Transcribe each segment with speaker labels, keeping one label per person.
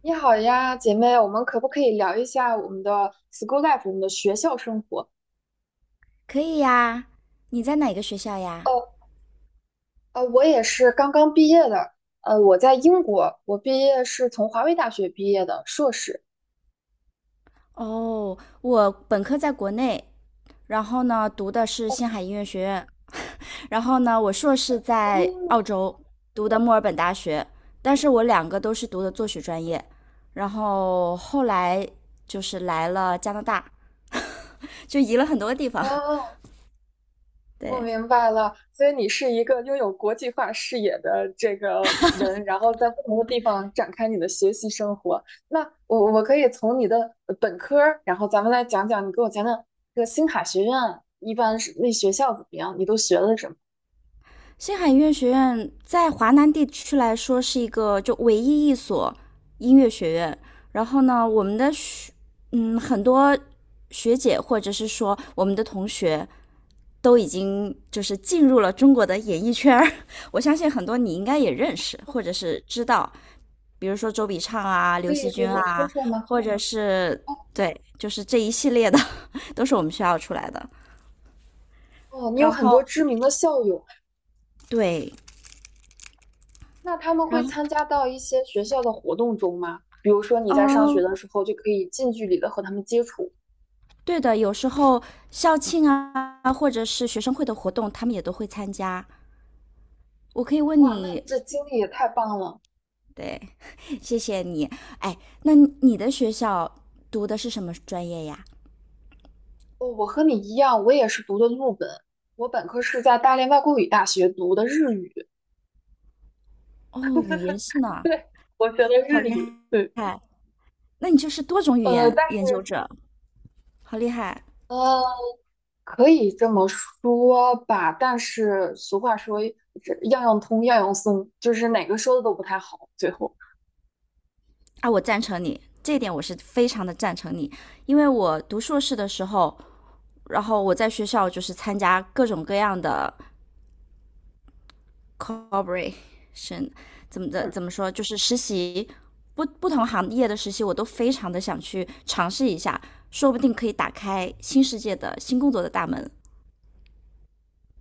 Speaker 1: 你好呀，姐妹，我们可不可以聊一下我们的 school life，我们的学校生活？
Speaker 2: 可以呀。你在哪个学校呀？
Speaker 1: 哦，我也是刚刚毕业的，我在英国，我毕业是从华为大学毕业的硕士。
Speaker 2: 哦，我本科在国内，然后呢读的是星海音乐学院，然后呢我硕士在
Speaker 1: 哦，
Speaker 2: 澳洲读的墨尔本大学，但是我两个都是读的作曲专业，然后后来就是来了加拿大，就移了很多地方。
Speaker 1: 哦，我
Speaker 2: 对，
Speaker 1: 明白了，所以你是一个拥有国际化视野的这个人，然后在不同的地方展开你的学习生活。那我可以从你的本科儿，然后咱们来讲讲。你给我讲讲这个星卡学院一般是，那学校怎么样，你都学了什么？
Speaker 2: 星海音乐学院在华南地区来说是一个就唯一一所音乐学院。然后呢，我们的学很多学姐或者是说我们的同学都已经就是进入了中国的演艺圈，我相信很多你应该也认识或者是知道，比如说周笔畅啊、
Speaker 1: 可
Speaker 2: 刘惜
Speaker 1: 以给
Speaker 2: 君
Speaker 1: 我说
Speaker 2: 啊，
Speaker 1: 说吗？
Speaker 2: 或者是对，就是这一系列的 都是我们学校出来的。
Speaker 1: 哦，你有
Speaker 2: 然
Speaker 1: 很多
Speaker 2: 后
Speaker 1: 知名的校友。
Speaker 2: 对，
Speaker 1: 那他们
Speaker 2: 然
Speaker 1: 会
Speaker 2: 后
Speaker 1: 参加到一些学校的活动中吗？比如说你在上学
Speaker 2: 呃，
Speaker 1: 的时候就可以近距离的和他们接触。
Speaker 2: 对的，有时候校庆啊，或者是学生会的活动，他们也都会参加。我可以问
Speaker 1: 哇，那
Speaker 2: 你，
Speaker 1: 这经历也太棒了！
Speaker 2: 对，谢谢你。哎，那你的学校读的是什么专业呀？
Speaker 1: 哦，我和你一样，我也是读的陆本，我本科是在大连外国语大学读的日语。
Speaker 2: 哦，语言 系呢，
Speaker 1: 对，我学的
Speaker 2: 好
Speaker 1: 日
Speaker 2: 厉
Speaker 1: 语，对。
Speaker 2: 害！那你就是多种语
Speaker 1: 呃，
Speaker 2: 言
Speaker 1: 但
Speaker 2: 研究者，好厉害
Speaker 1: 呃，可以这么说吧。但是俗话说，这样样通，样样松，就是哪个说的都不太好，最后。
Speaker 2: 啊！我赞成你这一点，我是非常的赞成你，因为我读硕士的时候，然后我在学校就是参加各种各样的 c o l p a o r a t i o n 怎么的
Speaker 1: 嗯。
Speaker 2: 怎么说，就是实习不同行业的实习，我都非常的想去尝试一下，说不定可以打开新世界的新工作的大门。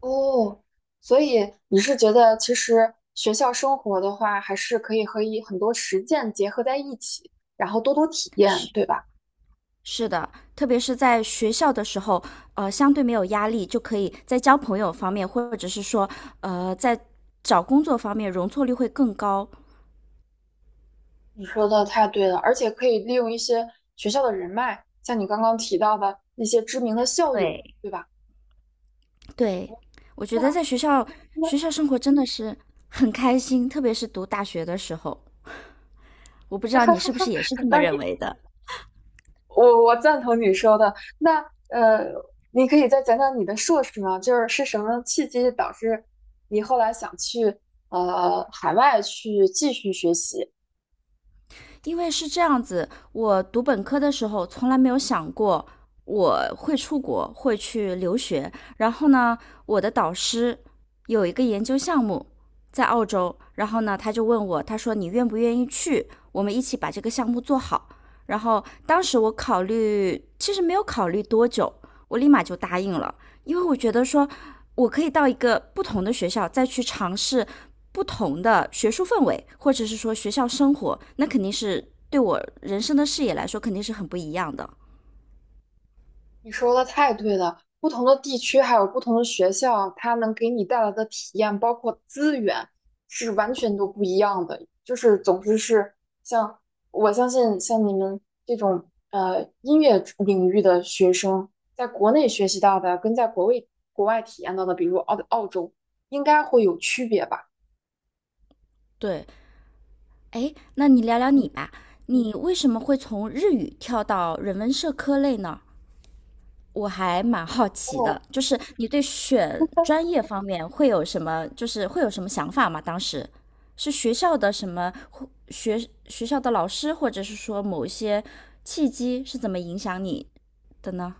Speaker 1: 哦，所以你是觉得其实学校生活的话，还是可以和很多实践结合在一起，然后多多体验，
Speaker 2: 是
Speaker 1: 对吧？
Speaker 2: 是的，特别是在学校的时候，相对没有压力，就可以在交朋友方面，或者是说，在找工作方面容错率会更高。
Speaker 1: 你说的太对了，而且可以利用一些学校的人脉，像你刚刚提到的那些知名的校友，
Speaker 2: 对，
Speaker 1: 对吧？
Speaker 2: 对，
Speaker 1: 哦，
Speaker 2: 我觉得
Speaker 1: 那
Speaker 2: 在学校生活真的是很开心，特别是读大学的时候。我不知
Speaker 1: 那
Speaker 2: 道
Speaker 1: 哈
Speaker 2: 你
Speaker 1: 哈
Speaker 2: 是不是
Speaker 1: 哈，
Speaker 2: 也是这么
Speaker 1: 那
Speaker 2: 认
Speaker 1: 你
Speaker 2: 为的，
Speaker 1: 我赞同你说的。呃，你可以再讲讲你的硕士吗？就是是什么契机导致你后来想去海外去继续学习？
Speaker 2: 因为是这样子，我读本科的时候从来没有想过我会出国，会去留学。然后呢，我的导师有一个研究项目在澳洲，然后呢，他就问我，他说你愿不愿意去？我们一起把这个项目做好。然后当时我考虑，其实没有考虑多久，我立马就答应了。因为我觉得说，我可以到一个不同的学校再去尝试不同的学术氛围，或者是说学校生活，那肯定是对我人生的视野来说肯定是很不一样的。
Speaker 1: 你说的太对了，不同的地区还有不同的学校，它能给你带来的体验，包括资源，是完全都不一样的。就是，总之是像，我相信，像你们这种音乐领域的学生，在国内学习到的，跟在国外体验到的，比如澳洲，应该会有区别吧？
Speaker 2: 对，哎，那你聊聊
Speaker 1: 嗯，
Speaker 2: 你吧，你为什么会从日语跳到人文社科类呢？我还蛮好奇的，就是你对选专业方面会有什么，就是会有什么想法吗？当时是学校的什么或学校的老师，或者是说某一些契机是怎么影响你的呢？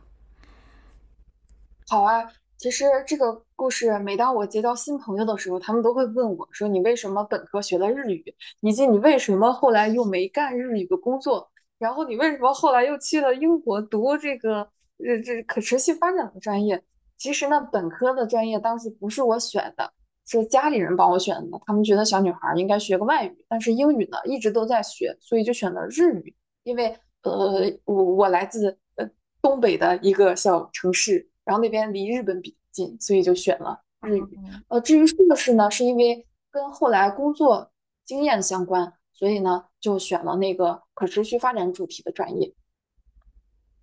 Speaker 1: 好啊。其实这个故事，每当我结交新朋友的时候，他们都会问我说："你为什么本科学了日语，以及你为什么后来又没干日语的工作？然后你为什么后来又去了英国读这个可持续发展的专业？"其实呢，本科的专业当时不是我选的，是家里人帮我选的。他们觉得小女孩儿应该学个外语，但是英语呢一直都在学，所以就选了日语。因为呃，我来自东北的一个小城市，然后那边离日本比较近，所以就选了日语。呃，至于硕士呢，是因为跟后来工作经验相关，所以呢就选了那个可持续发展主题的专业。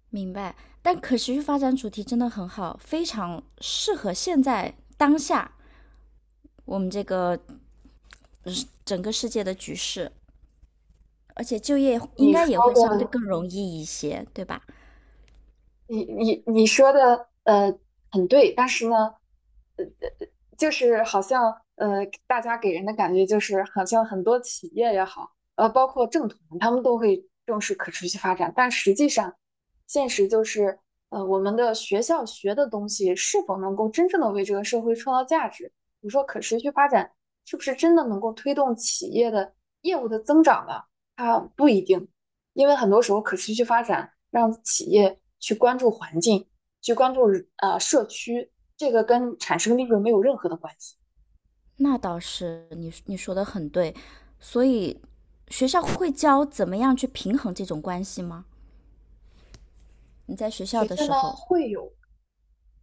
Speaker 2: 明白。但可持续发展主题真的很好，非常适合现在当下我们这个整个世界的局势，而且就业应
Speaker 1: 你
Speaker 2: 该
Speaker 1: 说
Speaker 2: 也会相
Speaker 1: 的
Speaker 2: 对更容易一些，对吧？
Speaker 1: 你说的很对，但是呢，呃呃就是好像呃大家给人的感觉就是好像很多企业也好，包括政团，他们都会重视可持续发展，但实际上现实就是，我们的学校学的东西是否能够真正的为这个社会创造价值？你说可持续发展是不是真的能够推动企业的业务的增长呢？它不一定。因为很多时候可持续发展让企业去关注环境，去关注社区，这个跟产生利润没有任何的关系。
Speaker 2: 那倒是，你说的很对。所以学校会教怎么样去平衡这种关系吗？你在学校
Speaker 1: 学
Speaker 2: 的
Speaker 1: 校
Speaker 2: 时
Speaker 1: 呢
Speaker 2: 候
Speaker 1: 会有，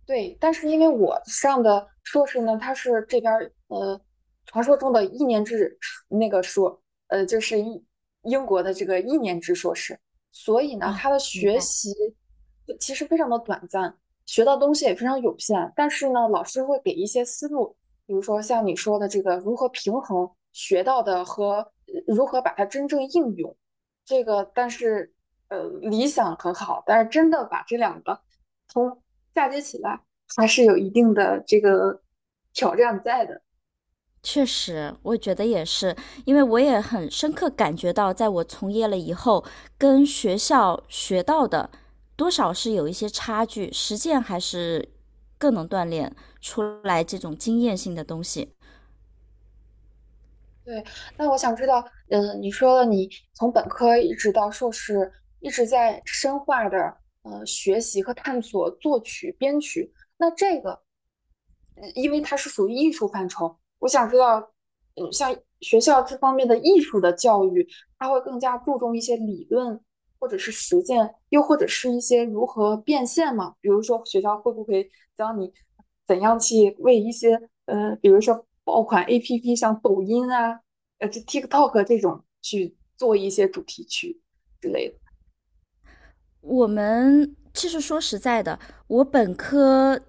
Speaker 1: 对。但是因为我上的硕士呢，它是这边儿传说中的一年制那个硕，呃，就是英英国的这个一年制硕士，所以呢，他
Speaker 2: 啊，
Speaker 1: 的
Speaker 2: 明
Speaker 1: 学
Speaker 2: 白。
Speaker 1: 习其实非常的短暂，学到东西也非常有限。但是呢，老师会给一些思路，比如说像你说的这个如何平衡学到的和如何把它真正应用。这个但是理想很好，但是真的把这两个嫁接起来还是有一定的这个挑战在的。
Speaker 2: 确实，我觉得也是，因为我也很深刻感觉到，在我从业了以后，跟学校学到的多少是有一些差距，实践还是更能锻炼出来这种经验性的东西。
Speaker 1: 对，那我想知道，嗯，你说了你从本科一直到硕士，一直在深化的学习和探索作曲、编曲。那这个，嗯，因为它是属于艺术范畴，我想知道，嗯，像学校这方面的艺术的教育，它会更加注重一些理论，或者是实践，又或者是一些如何变现嘛？比如说学校会不会教你怎样去为一些，比如说爆款 APP，像抖音啊，TikTok 这种去做一些主题曲之类的。
Speaker 2: 我们其实说实在的，我本科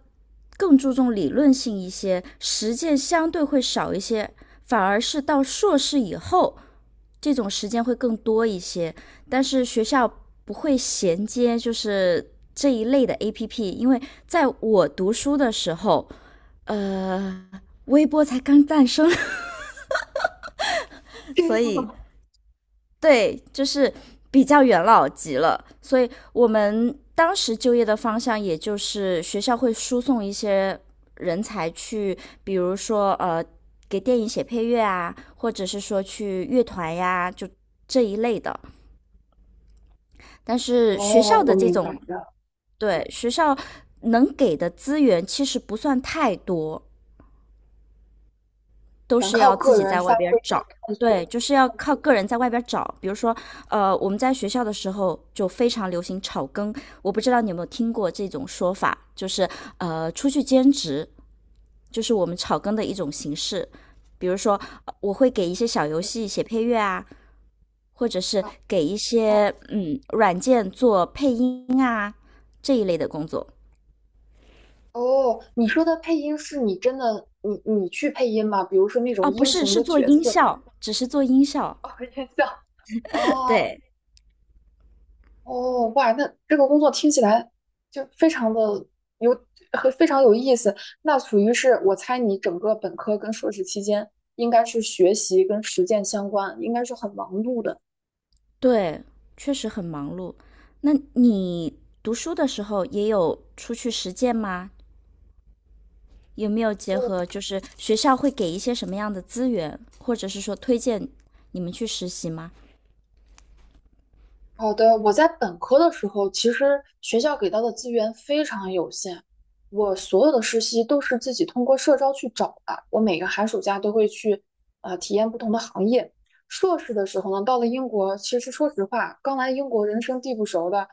Speaker 2: 更注重理论性一些，实践相对会少一些，反而是到硕士以后，这种时间会更多一些。但是学校不会衔接就是这一类的 APP,因为在我读书的时候，呃，微博才刚诞生，
Speaker 1: 这
Speaker 2: 所
Speaker 1: 样
Speaker 2: 以
Speaker 1: 啊。
Speaker 2: 对，就是比较元老级了，所以我们当时就业的方向，也就是学校会输送一些人才去，比如说给电影写配乐啊，或者是说去乐团呀，就这一类的。但是学
Speaker 1: 哦，
Speaker 2: 校
Speaker 1: 我
Speaker 2: 的这
Speaker 1: 明白
Speaker 2: 种，
Speaker 1: 了，
Speaker 2: 对，学校能给的资源其实不算太多，都
Speaker 1: 全
Speaker 2: 是
Speaker 1: 靠
Speaker 2: 要自
Speaker 1: 个
Speaker 2: 己
Speaker 1: 人
Speaker 2: 在
Speaker 1: 发
Speaker 2: 外边
Speaker 1: 挥
Speaker 2: 找。
Speaker 1: 和探
Speaker 2: 对，
Speaker 1: 索。
Speaker 2: 就是要靠个人在外边找。比如说，我们在学校的时候就非常流行炒更，我不知道你有没有听过这种说法，就是出去兼职，就是我们炒更的一种形式。比如说，我会给一些小游戏写配乐啊，或者是
Speaker 1: 啊
Speaker 2: 给一
Speaker 1: 啊
Speaker 2: 些软件做配音啊这一类的工作。
Speaker 1: 哦，你说的配音是你真的，你你去配音吗？比如说那
Speaker 2: 哦，
Speaker 1: 种
Speaker 2: 不
Speaker 1: 英
Speaker 2: 是，
Speaker 1: 雄
Speaker 2: 是
Speaker 1: 的
Speaker 2: 做
Speaker 1: 角
Speaker 2: 音
Speaker 1: 色。
Speaker 2: 效，只是做音效。
Speaker 1: 哦，印象。哦，
Speaker 2: 对，
Speaker 1: 哦，哇，那这个工作听起来就非常的有非常有意思。那属于是，我猜你整个本科跟硕士期间应该是学习跟实践相关，应该是很忙碌的。
Speaker 2: 对，确实很忙碌。那你读书的时候也有出去实践吗？有没有结
Speaker 1: 哦，
Speaker 2: 合就是学校会给一些什么样的资源，或者是说推荐你们去实习吗？
Speaker 1: 好的，我在本科的时候，其实学校给到的资源非常有限，我所有的实习都是自己通过社招去找的。我每个寒暑假都会去，体验不同的行业。硕士的时候呢，到了英国，其实说实话，刚来英国人生地不熟的，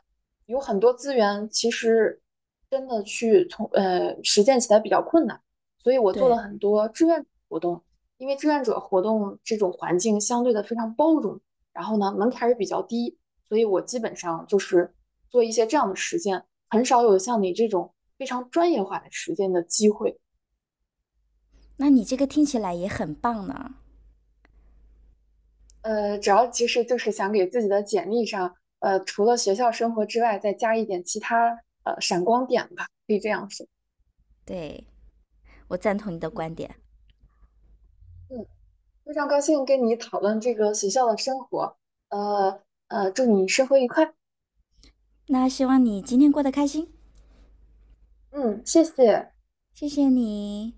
Speaker 1: 有很多资源，其实真的去从实践起来比较困难。所以我做了
Speaker 2: 对，
Speaker 1: 很多志愿者活动，因为志愿者活动这种环境相对的非常包容，然后呢门槛儿也比较低。所以我基本上就是做一些这样的实践，很少有像你这种非常专业化的实践的机会。
Speaker 2: 那你这个听起来也很棒呢。
Speaker 1: 呃，主要其实就是想给自己的简历上，除了学校生活之外，再加一点其他闪光点吧，可以这样说。
Speaker 2: 对，我赞同你的
Speaker 1: 嗯
Speaker 2: 观点。
Speaker 1: 嗯，非常高兴跟你讨论这个学校的生活，祝你生活愉快。
Speaker 2: 那希望你今天过得开心，
Speaker 1: 嗯，谢谢。
Speaker 2: 谢谢你。